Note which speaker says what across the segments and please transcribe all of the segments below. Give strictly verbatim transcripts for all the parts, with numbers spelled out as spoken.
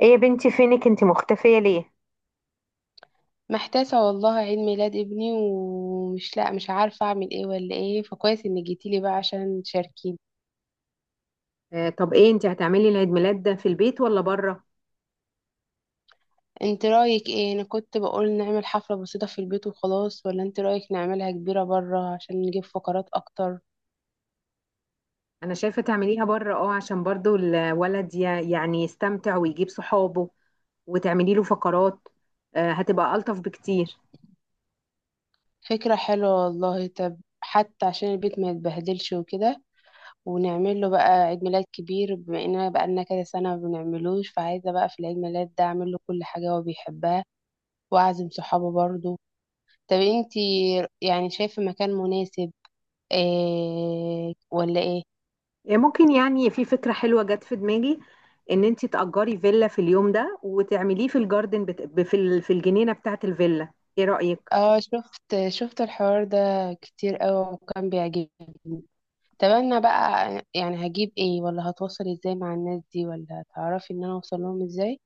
Speaker 1: ايه يا بنتي، فينك انتي؟ مختفية ليه؟
Speaker 2: محتاسة والله. عيد ميلاد ابني ومش لا مش عارفة اعمل ايه ولا ايه، فكويس انك جيتيلي بقى عشان تشاركيني.
Speaker 1: آه، طب ايه، انت هتعملي العيد ميلاد ده في البيت ولا بره؟
Speaker 2: انت رأيك ايه؟ انا كنت بقول نعمل حفلة بسيطة في البيت وخلاص، ولا انت رأيك نعملها كبيرة برا عشان نجيب فقرات اكتر؟
Speaker 1: انا شايفه تعمليها بره، اه، عشان برضو الولد ي- يعني يستمتع ويجيب صحابه وتعملي له فقرات. آه، هتبقى الطف بكتير.
Speaker 2: فكرة حلوة والله. طب حتى عشان البيت ما يتبهدلش وكده، ونعمل له بقى عيد ميلاد كبير بما اننا بقالنا كذا سنة ما بنعملوش، فعايزة بقى في العيد ميلاد ده اعمل له كل حاجة هو بيحبها، واعزم صحابه برضه. طب انتي يعني شايفة مكان مناسب إيه ولا ايه؟
Speaker 1: آه، ممكن، يعني في فكره حلوه جت في دماغي ان انت تأجري فيلا في اليوم ده وتعمليه في الجاردن بت... ب- في ال- في الجنينه بتاعه الفيلا. ايه رأيك؟
Speaker 2: اه، شفت شفت الحوار ده كتير قوي وكان بيعجبني. طب انا بقى يعني هجيب ايه؟ ولا هتواصل ازاي مع الناس دي؟ ولا تعرفي ان انا اوصل لهم ازاي؟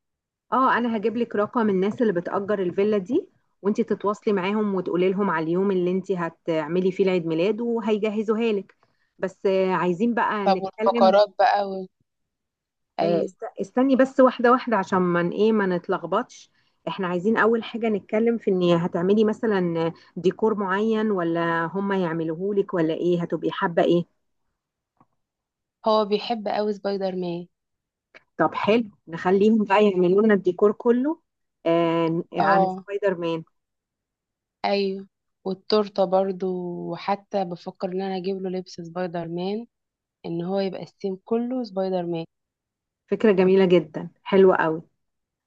Speaker 1: اه، انا هجيب لك رقم الناس اللي بتأجر الفيلا دي وانتي تتواصلي معاهم وتقولي لهم على اليوم اللي انتي هتعملي فيه العيد ميلاد وهيجهزوها لك. بس آه، عايزين بقى
Speaker 2: طب
Speaker 1: نتكلم.
Speaker 2: والفقرات بقى و...
Speaker 1: آه،
Speaker 2: ايوه.
Speaker 1: است- استني بس، واحدة واحدة عشان ما ن- ايه ما نتلخبطش. احنا عايزين اول حاجة نتكلم في ان هتعملي مثلا ديكور معين ولا هم يعملوه لك، ولا ايه هتبقي حابة ايه؟
Speaker 2: هو بيحب قوي سبايدر مان.
Speaker 1: طب حلو، نخليهم بقى يعملوا لنا الديكور كله آه، عن
Speaker 2: اه،
Speaker 1: سبايدر مان.
Speaker 2: ايوه، والتورته برضو. وحتى بفكر ان انا اجيب له لبس سبايدر مان، ان هو يبقى السيم كله سبايدر مان.
Speaker 1: فكرة جميلة جدا، حلوة قوي.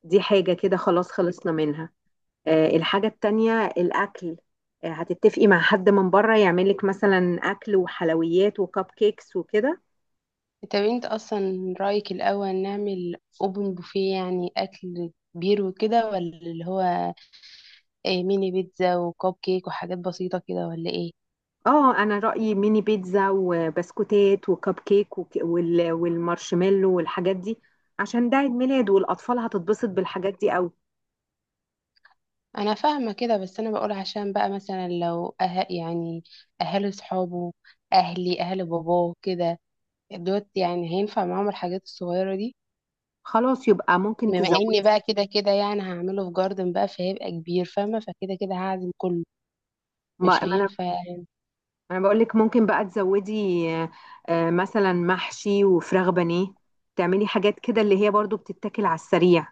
Speaker 1: دي حاجة كده خلاص، خلصنا منها. آه، الحاجة التانية الأكل. آه، هتتفقي مع حد من بره يعملك مثلا أكل وحلويات وكب كيكس وكده؟
Speaker 2: طب انت اصلا رأيك الاول نعمل اوبن بوفيه، يعني اكل كبير وكده، ولا اللي هو ايه، ميني بيتزا وكوب كيك وحاجات بسيطة كده، ولا ايه؟
Speaker 1: اه، انا رأيي ميني بيتزا وبسكوتات وكب كيك وك- وال- والمارشميلو والحاجات دي، عشان ده عيد ميلاد والأطفال هتتبسط بالحاجات دي قوي.
Speaker 2: انا فاهمة كده، بس انا بقول عشان بقى مثلا لو أه يعني اهل صحابه، اهلي، اهل باباه كده، دوت يعني هينفع معاهم الحاجات الصغيرة دي؟
Speaker 1: خلاص، يبقى ممكن
Speaker 2: بما اني
Speaker 1: تزودي.
Speaker 2: بقى كده كده يعني هعمله في جاردن بقى، فهيبقى كبير، فاهمة؟ فكده كده هعزم كله،
Speaker 1: ما
Speaker 2: مش
Speaker 1: ما انا
Speaker 2: هينفع.
Speaker 1: انا بقول لك ممكن بقى تزودي. آه، آه، مثلا محشي وفراخ بانيه، تعملي حاجات كده اللي هي برضو بتتاكل على السريع.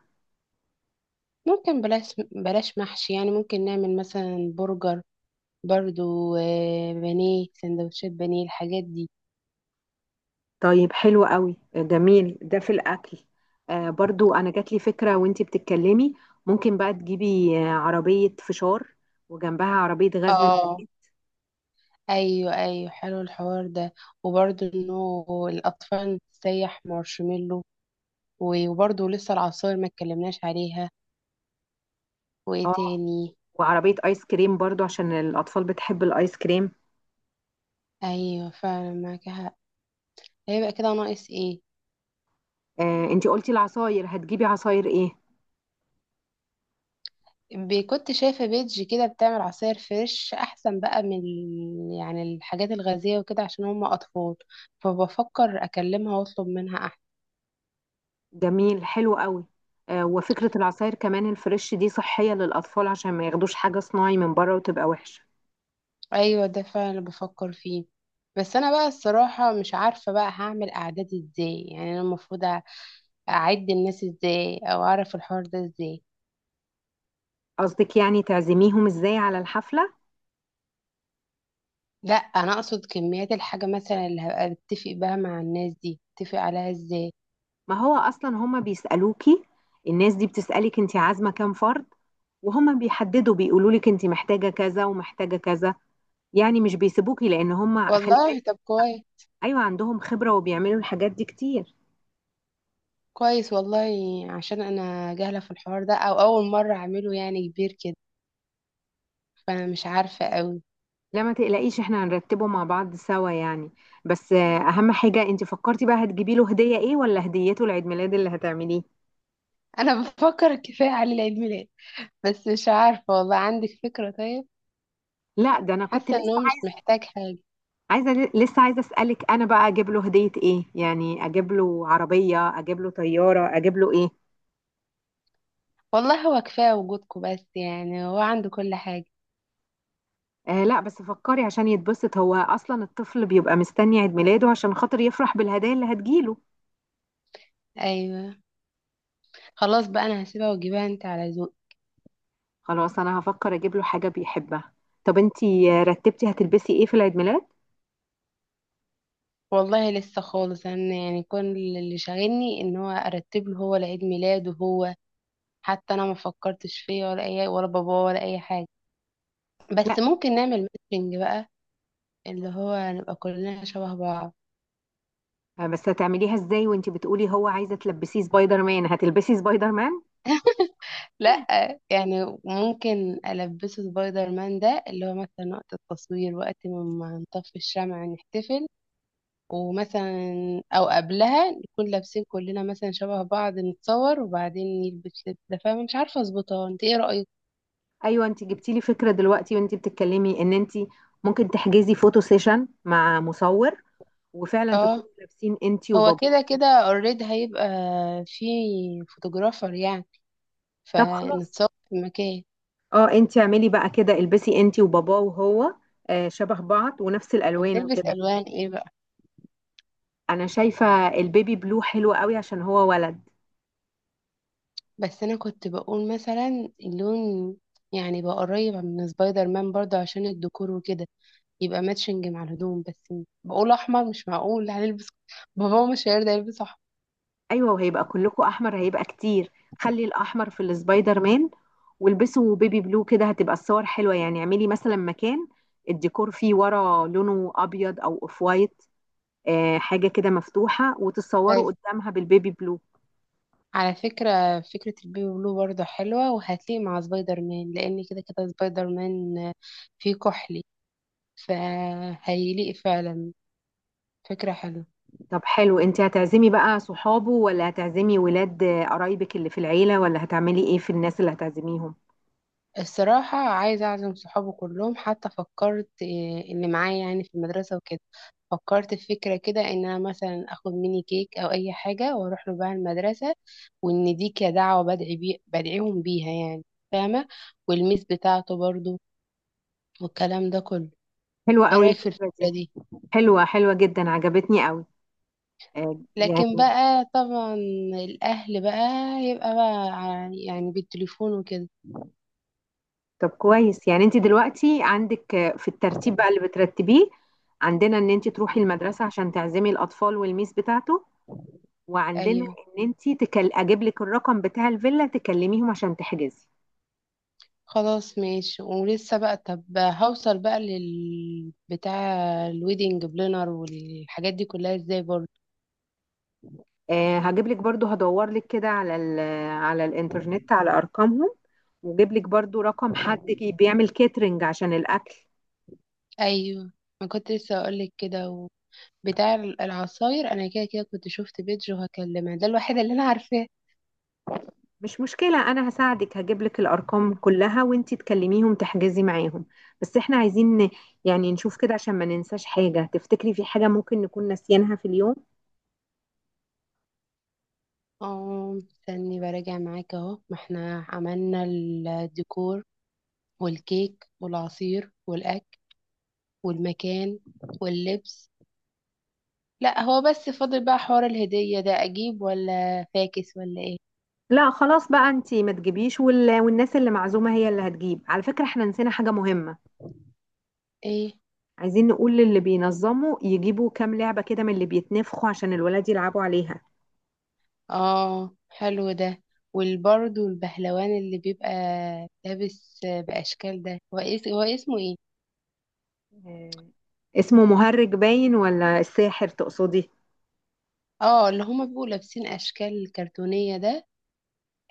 Speaker 2: ممكن بلاش بلاش محشي، يعني ممكن نعمل مثلا برجر برضو. آه، بانيه، سندوتشات بانيه، الحاجات دي.
Speaker 1: طيب حلو قوي، جميل ده في الأكل. آه، برضو أنا جات لي فكرة وانتي بتتكلمي. ممكن بقى تجيبي آه، عربية فشار وجنبها عربية غزل
Speaker 2: اه،
Speaker 1: البلد.
Speaker 2: ايوه ايوه، حلو الحوار ده. وبرضو انه الاطفال تسيح مارشميلو، وبرضو لسه العصاير ما اتكلمناش عليها. وايه
Speaker 1: اه،
Speaker 2: تاني؟
Speaker 1: وعربية آيس كريم برضو عشان الأطفال بتحب الآيس كريم.
Speaker 2: ايوه فعلا معاك حق. هيبقى كده ناقص ايه؟
Speaker 1: آه، انتي قلتي العصاير، هتجيبي عصاير ايه؟
Speaker 2: ب- كنت شايفة بيج كده بتعمل عصاير فريش، أحسن بقى من ال- يعني الحاجات الغازية وكده عشان هم أطفال، فبفكر أكلمها وأطلب منها أحسن.
Speaker 1: جميل، حلو قوي. آه، وفكرة العصاير كمان الفريش دي صحية للأطفال عشان ما ياخدوش حاجة صناعي من بره وتبقى وحشة.
Speaker 2: أيوة، ده فعلا اللي بفكر فيه. بس أنا بقى الصراحة مش عارفة بقى هعمل أعداد إزاي. يعني أنا المفروض أ- أعد الناس إزاي أو أعرف الحوار ده إزاي؟
Speaker 1: قصدك يعني تعزميهم ازاي على الحفلة؟
Speaker 2: لا، أنا أقصد كميات الحاجة مثلا اللي هبقى بتفق بها مع الناس دي، أتفق عليها إزاي؟
Speaker 1: ما هو اصلا هما بيسالوكي، الناس دي بتسالك انت عازمه كام فرد، وهما بيحددوا بيقولوا لك انت محتاجه كذا ومحتاجه كذا. يعني مش بيسيبوكي، لان هما، خلي
Speaker 2: والله
Speaker 1: بالك.
Speaker 2: طب كويس.
Speaker 1: ايوه، عندهم خبره وبيعملوا الحاجات دي كتير.
Speaker 2: كويس والله، عشان انا جاهله في الحوار ده، او اول مره اعمله يعني كبير كده، فانا مش عارفه قوي.
Speaker 1: لا ما تقلقيش، احنا هنرتبه مع بعض سوا يعني. بس آه، اهم حاجه، انت فكرتي بقى هتجيبي له هديه ايه؟ ولا هديته العيد ميلاد اللي هتعمليه؟
Speaker 2: انا بفكر كفايه على العيد ميلاد، بس مش عارفه والله، عندك فكره طيب؟
Speaker 1: لا، ده انا كنت
Speaker 2: حاسه ان
Speaker 1: لسه
Speaker 2: هو مش
Speaker 1: عايزه.
Speaker 2: محتاج حاجه.
Speaker 1: عايزه، لسه عايزه اسالك، انا بقى اجيب له هديه ايه؟ يعني اجيب له عربيه، اجيب له طياره، اجيب له ايه؟
Speaker 2: والله هو كفايه وجودكم، بس يعني هو عنده كل حاجه.
Speaker 1: آه لا، بس فكري عشان يتبسط، هو اصلا الطفل بيبقى مستني عيد ميلاده عشان خاطر يفرح بالهدايا اللي هتجيله.
Speaker 2: ايوه، خلاص بقى، انا هسيبها واجيبها انت على ذوق.
Speaker 1: خلاص، انا هفكر اجيب له حاجه بيحبها. طب انتي آه، رتبتي هتلبسي ايه في العيد ميلاد؟
Speaker 2: والله لسه خالص، انا يعني كل اللي شاغلني ان هو ارتب له هو العيد ميلاد وهو، حتى انا ما فكرتش فيه ولا اي، ولا باباه، ولا اي حاجه.
Speaker 1: لا
Speaker 2: بس ممكن نعمل ماتشنج بقى، اللي هو نبقى كلنا شبه بعض.
Speaker 1: آه، بس هتعمليه ازاي؟ وانتي بتقولي هو عايزه تلبسيه سبايدر مان، هتلبسي سبايدر مان؟
Speaker 2: لا، يعني ممكن ألبسه سبايدر مان ده اللي هو مثلا وقت التصوير، وقت ما نطفي الشمع، نحتفل، ومثلا أو قبلها نكون لابسين كلنا مثلا شبه بعض، نتصور، وبعدين يلبس لبس ده، فاهمة؟ مش عارفة أظبطها، أنت إيه رأيك؟
Speaker 1: ايوه، انتي جبتي لي فكره دلوقتي وانتي بتتكلمي، ان انتي ممكن تحجزي فوتو سيشن مع مصور، وفعلا
Speaker 2: اه،
Speaker 1: تكونوا لابسين انتي
Speaker 2: هو
Speaker 1: وباباه.
Speaker 2: كده كده اوريدي هيبقى في فوتوغرافر يعني،
Speaker 1: طب خلاص،
Speaker 2: فنتصور في مكان.
Speaker 1: اه انتي اعملي بقى كده، البسي انتي وباباه وهو آه، شبه بعض ونفس
Speaker 2: طب
Speaker 1: الالوان
Speaker 2: نلبس
Speaker 1: وكده.
Speaker 2: ألوان إيه بقى؟
Speaker 1: انا شايفه البيبي بلو حلو قوي عشان هو ولد.
Speaker 2: بس انا كنت بقول مثلا اللون يعني بقى قريب من سبايدر مان برضه عشان الديكور وكده، يبقى ماتشنج مع الهدوم بس. بقول احمر، مش معقول هنلبس بابا مش هيرضى يلبس احمر.
Speaker 1: ايوه وهيبقى كلكوا احمر، هيبقى كتير. خلي الاحمر في السبايدر مان، والبسوا بيبي بلو. كده هتبقى الصور حلوه. يعني اعملي مثلا مكان الديكور فيه ورا لونه ابيض او اوف وايت، آه، حاجه كده مفتوحه، وتتصوروا
Speaker 2: بس
Speaker 1: قدامها بالبيبي بلو.
Speaker 2: على فكرة، فكرة البيبي بلو برضه حلوة، وهتليق مع سبايدر مان، لأن كده كده سبايدر مان فيه كحلي، فهيليق فعلا. فكرة حلوة.
Speaker 1: طب حلو، انت هتعزمي بقى صحابه ولا هتعزمي ولاد قرايبك اللي في العيلة؟ ولا هتعملي ايه في الناس اللي هتعزميهم؟
Speaker 2: الصراحة عايزة أعزم صحابي كلهم، حتى فكرت إيه، اللي معايا يعني في المدرسة وكده. فكرت في فكرة كده، إن أنا مثلا آخد ميني كيك أو أي حاجة وأروح له بقى المدرسة، وإن دي كدعوة بدعي بي بدعيهم بيها يعني، فاهمة؟ والميس بتاعته برضو، والكلام ده كله.
Speaker 1: حلوة
Speaker 2: إيه
Speaker 1: قوي
Speaker 2: رأيك في
Speaker 1: الفكرة دي.
Speaker 2: الفكرة دي؟
Speaker 1: حلوة، حلوة جدا، عجبتني قوي. آه، يعني
Speaker 2: لكن بقى طبعا الأهل بقى يبقى بقى ع- يعني بالتليفون وكده.
Speaker 1: طب كويس. يعني انت دلوقتي عندك آه، في الترتيب بقى اللي بترتبيه، عندنا ان انت تروحي المدرسة عشان تعزمي الاطفال والميس بتاعته، وعندنا
Speaker 2: أيوه،
Speaker 1: ان انت تكل... اجيب لك الرقم بتاع الفيلا تكلميهم عشان تحجزي.
Speaker 2: خلاص ماشي. ولسه بقى، طب هوصل بقى لل بتاع الويدنج بلانر والحاجات دي كلها ازاي برضه؟
Speaker 1: آه، هجيب لك برضو، هدور لك كده على ال على الانترنت على ارقامهم، واجيب لك برضو رقم حد كي- بيعمل كاترينج عشان الاكل.
Speaker 2: ايوه، ما كنت لسه اقولك كده و... بتاع العصاير انا كده كده كنت شفت بيج وهكلمها، ده الوحيد اللي انا عارفاه.
Speaker 1: مش مشكلة، انا هساعدك، هجيب لك الارقام كلها وانتي تكلميهم تحجزي معاهم. بس احنا عايزين ن- يعني نشوف كده عشان ما ننساش حاجة. تفتكري في حاجة ممكن نكون ناسيينها في اليوم؟
Speaker 2: اه، استني براجع معاك، اهو ما احنا عملنا الديكور، والكيك، والعصير، والاكل، والمكان، واللبس. لا هو بس فاضل بقى حوار الهدية ده، اجيب ولا فاكس ولا ايه؟
Speaker 1: لا خلاص بقى، انتي ما تجيبيش وال... والناس اللي معزومة هي اللي هتجيب. على فكرة احنا نسينا حاجة مهمة.
Speaker 2: ايه؟
Speaker 1: عايزين نقول للي بينظموا يجيبوا كام لعبة كده من اللي بيتنفخوا عشان الولاد يلعبوا عليها.
Speaker 2: اه حلو ده. والبرضو البهلوان اللي بيبقى لابس بأشكال ده، هو إيه- هو اسمه ايه؟
Speaker 1: آه، اسمه مهرج، باين ولا الساحر تقصدي؟
Speaker 2: اه اللي هما بيبقوا لابسين أشكال كرتونية ده.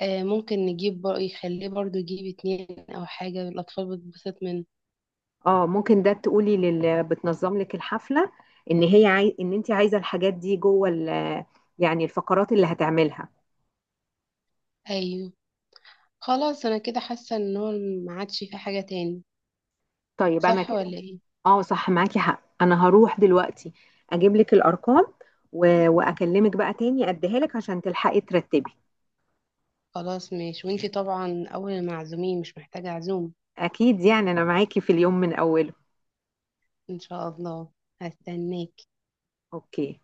Speaker 2: آه، ممكن نجيب بر... يخليه برضو يجيب اتنين أو حاجة، الأطفال بتتبسط منه.
Speaker 1: اه ممكن، ده تقولي للي بتنظم لك الحفلة ان هي عاي... ان انت عايزة الحاجات دي جوه ال... يعني الفقرات اللي هتعملها.
Speaker 2: أيوه، خلاص أنا كده حاسة إن هو ما عادش في حاجة تاني،
Speaker 1: طيب انا
Speaker 2: صح
Speaker 1: كده.
Speaker 2: ولا ايه؟
Speaker 1: اه صح، معاكي حق، انا هروح دلوقتي اجيب لك الارقام و... واكلمك بقى تاني اديها لك عشان تلحقي ترتبي.
Speaker 2: خلاص ماشي، وانتي طبعا أول المعزومين، مش محتاجة عزوم.
Speaker 1: اكيد، يعني انا معاكي في اليوم من اوله.
Speaker 2: إن شاء الله، هستناك.
Speaker 1: اوكي.